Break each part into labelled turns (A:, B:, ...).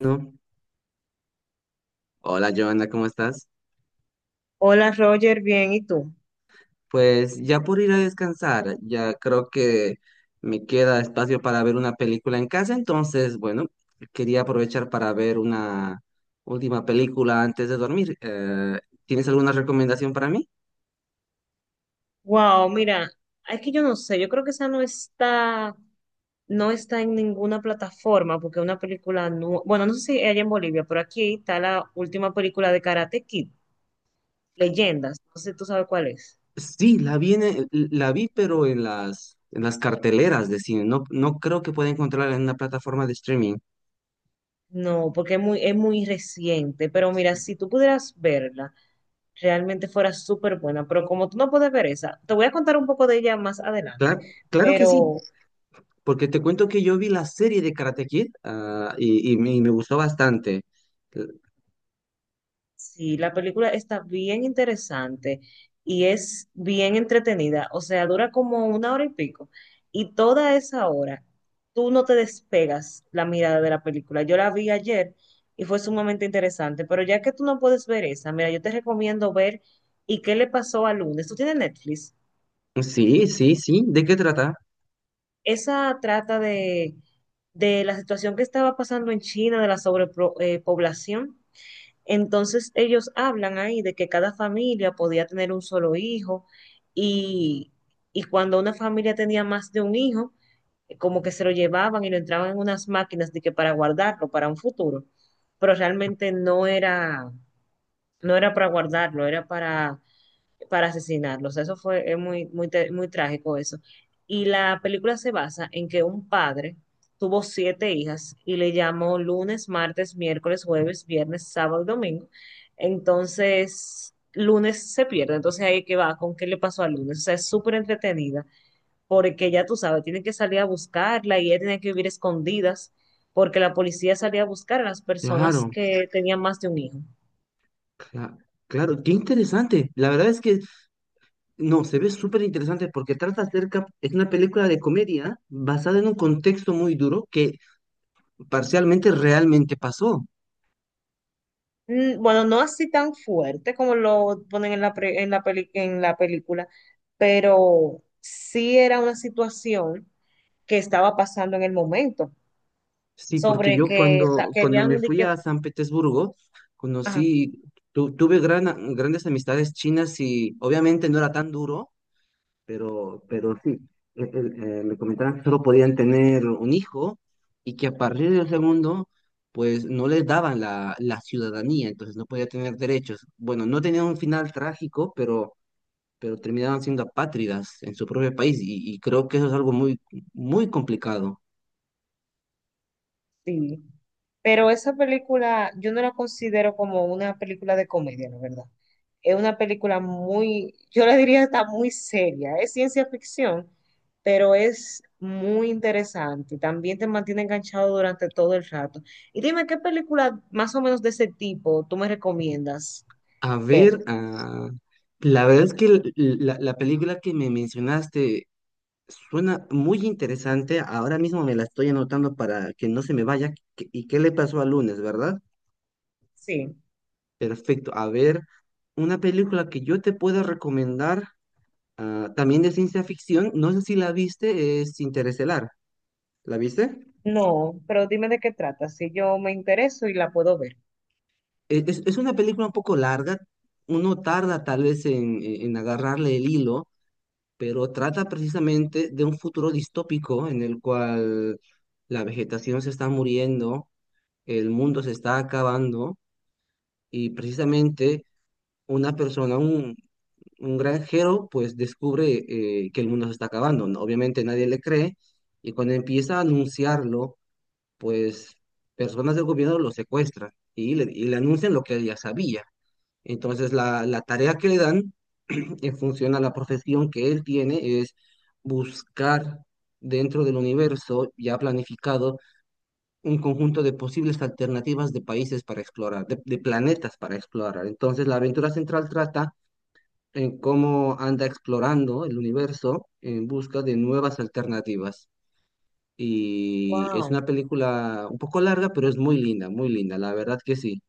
A: No. Hola, Joana, ¿cómo estás?
B: Hola Roger, bien, ¿y tú?
A: Pues ya por ir a descansar, ya creo que me queda espacio para ver una película en casa, entonces, bueno, quería aprovechar para ver una última película antes de dormir. ¿Tienes alguna recomendación para mí?
B: Wow, mira, es que yo no sé, yo creo que esa no está, no está en ninguna plataforma porque es una película, no, bueno, no sé si allá en Bolivia, pero aquí está la última película de Karate Kid, Leyendas, no sé si tú sabes cuál es.
A: Sí, la vi, la vi, pero en las carteleras de cine, no, no creo que pueda encontrarla en una plataforma de streaming.
B: No, porque es muy reciente, pero mira, si tú pudieras verla, realmente fuera súper buena, pero como tú no puedes ver esa, te voy a contar un poco de ella más adelante,
A: Claro, claro que sí.
B: pero
A: Porque te cuento que yo vi la serie de Karate Kid, y me gustó bastante. Eh,
B: sí, la película está bien interesante y es bien entretenida. O sea, dura como una hora y pico. Y toda esa hora, tú no te despegas la mirada de la película. Yo la vi ayer y fue sumamente interesante. Pero ya que tú no puedes ver esa, mira, yo te recomiendo ver ¿y qué le pasó al lunes? Tú tienes Netflix.
A: Sí, sí, sí. ¿De qué trata?
B: Esa trata de la situación que estaba pasando en China, de la sobrepoblación. Entonces ellos hablan ahí de que cada familia podía tener un solo hijo y, y cuando una familia tenía más de un hijo, como que se lo llevaban y lo entraban en unas máquinas de que para guardarlo para un futuro, pero realmente no era, no era para guardarlo, era para asesinarlos. Eso fue es muy, muy, muy trágico eso. Y la película se basa en que un padre tuvo siete hijas y le llamó lunes, martes, miércoles, jueves, viernes, sábado y domingo. Entonces, lunes se pierde. Entonces ahí que va con qué le pasó al lunes. O sea, es súper entretenida porque ya tú sabes, tienen que salir a buscarla y ella tiene que vivir escondidas porque la policía salía a buscar a las personas
A: Claro,
B: que tenían más de un hijo.
A: cla- claro, qué interesante. La verdad es que no, se ve súper interesante porque trata acerca, es una película de comedia basada en un contexto muy duro que parcialmente realmente pasó.
B: Mm, bueno, no así tan fuerte como lo ponen en la, pre- en la, peli- en la película, pero sí era una situación que estaba pasando en el momento,
A: Sí, porque
B: sobre
A: yo
B: que
A: cuando me
B: querían de
A: fui
B: que...
A: a San Petersburgo,
B: Ajá,
A: conocí, tuve grandes amistades chinas y obviamente no era tan duro pero sí, eh, eh, me comentaron que solo podían tener un hijo y que a partir del segundo, pues no les daban la ciudadanía, entonces no podía tener derechos. Bueno, no tenían un final trágico, pero terminaban siendo apátridas en su propio país y creo que eso es algo muy, muy complicado.
B: sí. Pero esa película yo no la considero como una película de comedia, la verdad. Es una película muy, yo le diría está muy seria. Es ciencia ficción, pero es muy interesante. También te mantiene enganchado durante todo el rato. Y dime, ¿qué película más o menos de ese tipo tú me recomiendas
A: A
B: ver?
A: ver, la verdad es que la película que me mencionaste suena muy interesante. Ahora mismo me la estoy anotando para que no se me vaya. ¿Y qué le pasó al lunes, verdad?
B: Sí.
A: Perfecto. A ver, una película que yo te pueda recomendar, también de ciencia ficción, no sé si la viste, es Interestelar. ¿La viste?
B: No, pero dime de qué trata, si yo me intereso y la puedo ver.
A: Es una película un poco larga. Uno tarda tal vez en agarrarle el hilo, pero trata precisamente de un futuro distópico en el cual la vegetación se está muriendo, el mundo se está acabando y precisamente una persona, un granjero, pues descubre que el mundo se está acabando, ¿no? Obviamente nadie le cree y cuando empieza a anunciarlo, pues personas del gobierno lo secuestran y le anuncian lo que él ya sabía. Entonces la tarea que le dan en función a la profesión que él tiene es buscar dentro del universo ya planificado un conjunto de posibles alternativas de países para explorar, de planetas para explorar. Entonces, la aventura central trata en cómo anda explorando el universo en busca de nuevas alternativas. Y es
B: Wow.
A: una película un poco larga, pero es muy linda, la verdad que sí.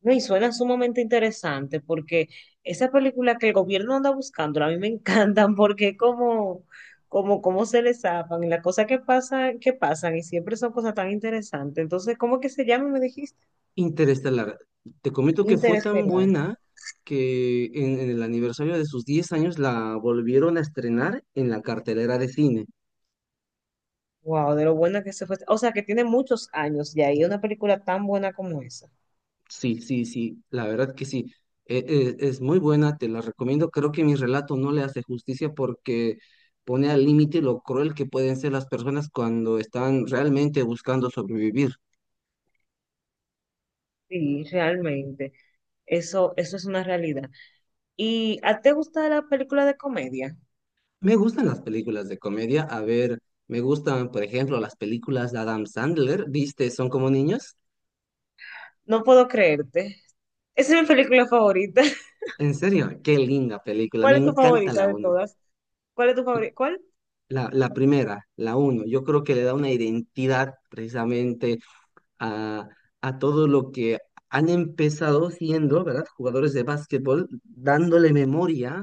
B: No, y suena sumamente interesante porque esa película que el gobierno anda buscando, a mí me encantan porque como se les zafan y las cosas que pasan y siempre son cosas tan interesantes. Entonces, ¿cómo que se llama? Me dijiste.
A: Interestelar. Te comento que fue tan
B: Interestelar.
A: buena que en el aniversario de sus 10 años la volvieron a estrenar en la cartelera de cine.
B: Wow, de lo buena que se fue. O sea, que tiene muchos años ya y una película tan buena como esa.
A: Sí, sí, sí, la verdad que sí. Es muy buena, te la recomiendo. Creo que mi relato no le hace justicia porque pone al límite lo cruel que pueden ser las personas cuando están realmente buscando sobrevivir.
B: Sí, realmente. Eso es una realidad. ¿Y a ti te gusta la película de comedia?
A: Me gustan las películas de comedia. A ver, me gustan, por ejemplo, las películas de Adam Sandler. ¿Viste? Son como niños.
B: No puedo creerte. Esa es mi película favorita.
A: En serio, qué linda película. Me
B: ¿Cuál es tu
A: encanta
B: favorita
A: la
B: de
A: uno.
B: todas? ¿Cuál es tu favorita? ¿Cuál?
A: La primera, la uno. Yo creo que le da una identidad precisamente a, a todo lo que han empezado siendo, ¿verdad? Jugadores de básquetbol, dándole memoria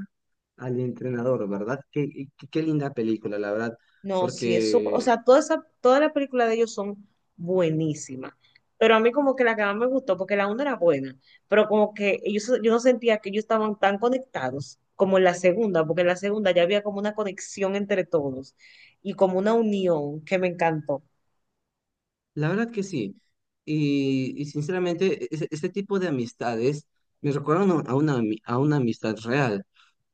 A: al entrenador, ¿verdad? Qué linda película, la verdad,
B: No, sí, es súper. O
A: porque
B: sea, todas las películas de ellos son buenísimas. Pero a mí, como que la que más me gustó, porque la una era buena, pero como que ellos, yo no sentía que ellos estaban tan conectados como en la segunda, porque en la segunda ya había como una conexión entre todos y como una unión que me encantó.
A: la verdad que sí. Y sinceramente, este tipo de amistades me recuerdan a a una amistad real,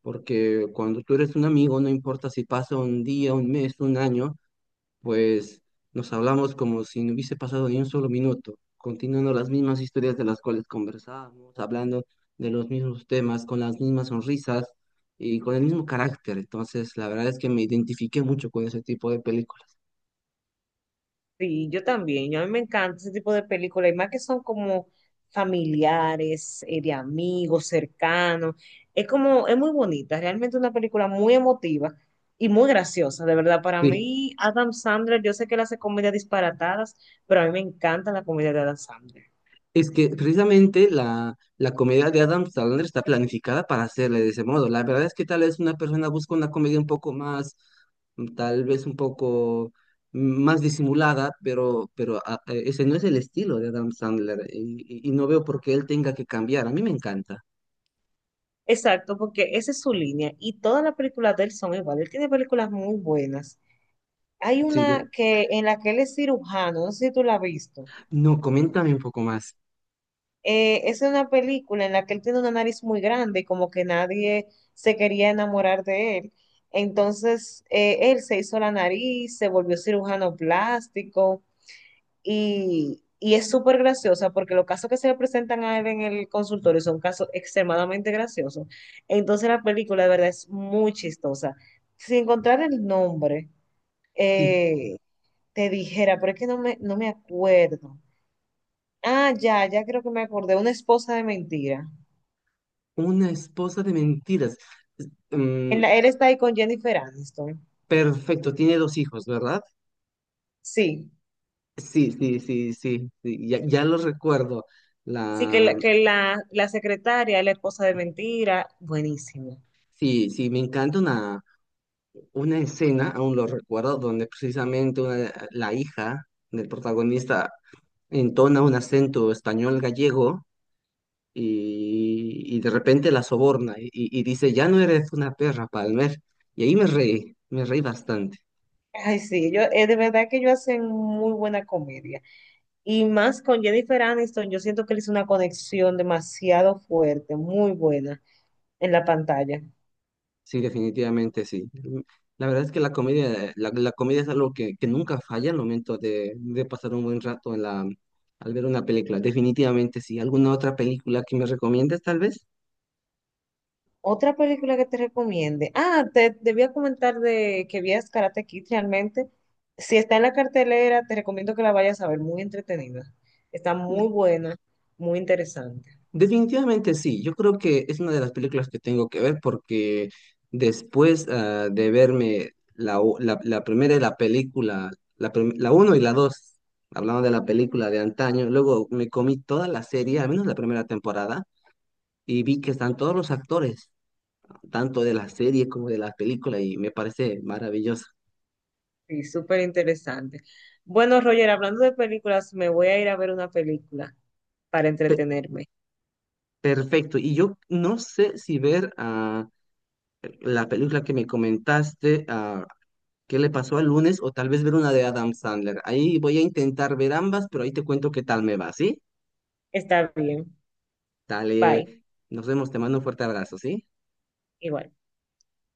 A: porque cuando tú eres un amigo, no importa si pasa un día, un mes, un año, pues nos hablamos como si no hubiese pasado ni un solo minuto, continuando las mismas historias de las cuales conversábamos, hablando de los mismos temas, con las mismas sonrisas y con el mismo carácter. Entonces, la verdad es que me identifiqué mucho con ese tipo de películas.
B: Sí, yo también. Yo a mí me encanta ese tipo de películas, y más que son como familiares, de amigos, cercanos. Es como, es muy bonita, realmente una película muy emotiva y muy graciosa, de verdad. Para
A: Sí.
B: mí, Adam Sandler, yo sé que él hace comedias disparatadas, pero a mí me encanta la comedia de Adam Sandler.
A: Es que precisamente la comedia de Adam Sandler está planificada para hacerle de ese modo. La verdad es que tal vez una persona busca una comedia un poco más, tal vez un poco más disimulada, pero ese no es el estilo de Adam Sandler y, y no veo por qué él tenga que cambiar. A mí me encanta.
B: Exacto, porque esa es su línea y todas las películas de él son iguales. Él tiene películas muy buenas. Hay
A: Sí,
B: una que en la que él es cirujano, no sé si tú la has visto.
A: no, coméntame un poco más.
B: Es una película en la que él tiene una nariz muy grande, como que nadie se quería enamorar de él. Entonces, él se hizo la nariz, se volvió cirujano plástico y es súper graciosa porque los casos que se le presentan a él en el consultorio son casos extremadamente graciosos. Entonces, la película de verdad es muy chistosa. Sin encontrar el nombre,
A: Sí,
B: eh, te dijera, pero es que no me acuerdo. Ah, ya, ya creo que me acordé, una esposa de mentira.
A: una esposa de mentiras. Mm,
B: Él está ahí con Jennifer Aniston.
A: Perfecto, tiene dos hijos, ¿verdad?
B: Sí,
A: Sí, sí, sí, sí, sí, ya, ya lo recuerdo.
B: sí, que
A: La,
B: la secretaria, es la esposa de mentira, buenísimo.
A: sí, sí, me encanta una escena, aún lo recuerdo, donde precisamente la hija del protagonista entona un acento español gallego y de repente la soborna y dice, ya no eres una perra, Palmer. Y ahí me reí bastante.
B: Ay, sí, yo, de verdad que ellos hacen muy buena comedia. Y más con Jennifer Aniston, yo siento que él hizo una conexión demasiado fuerte, muy buena en la pantalla.
A: Sí, definitivamente sí. La verdad es que la comedia, la comedia es algo que nunca falla al momento de pasar un buen rato al ver una película. Definitivamente sí. ¿Alguna otra película que me recomiendes, tal vez?
B: Otra película que te recomiende. Ah, te debía comentar de que vías Karate Kid realmente. Si está en la cartelera, te recomiendo que la vayas a ver, muy entretenida. Está muy buena, muy interesante.
A: Definitivamente sí. Yo creo que es una de las películas que tengo que ver porque después de verme la primera de la película, la uno y la dos, hablando de la película de antaño, luego me comí toda la serie, al menos la primera temporada, y vi que están todos los actores tanto de las series como de las películas y me parece maravilloso.
B: Sí, súper interesante. Bueno, Roger, hablando de películas, me voy a ir a ver una película para
A: Pe-
B: entretenerme.
A: Perfecto. Y yo no sé si ver la película que me comentaste, ¿qué le pasó al lunes? O tal vez ver una de Adam Sandler. Ahí voy a intentar ver ambas, pero ahí te cuento qué tal me va, ¿sí?
B: Está bien. Bye.
A: Dale, nos vemos, te mando un fuerte abrazo, ¿sí?
B: Igual.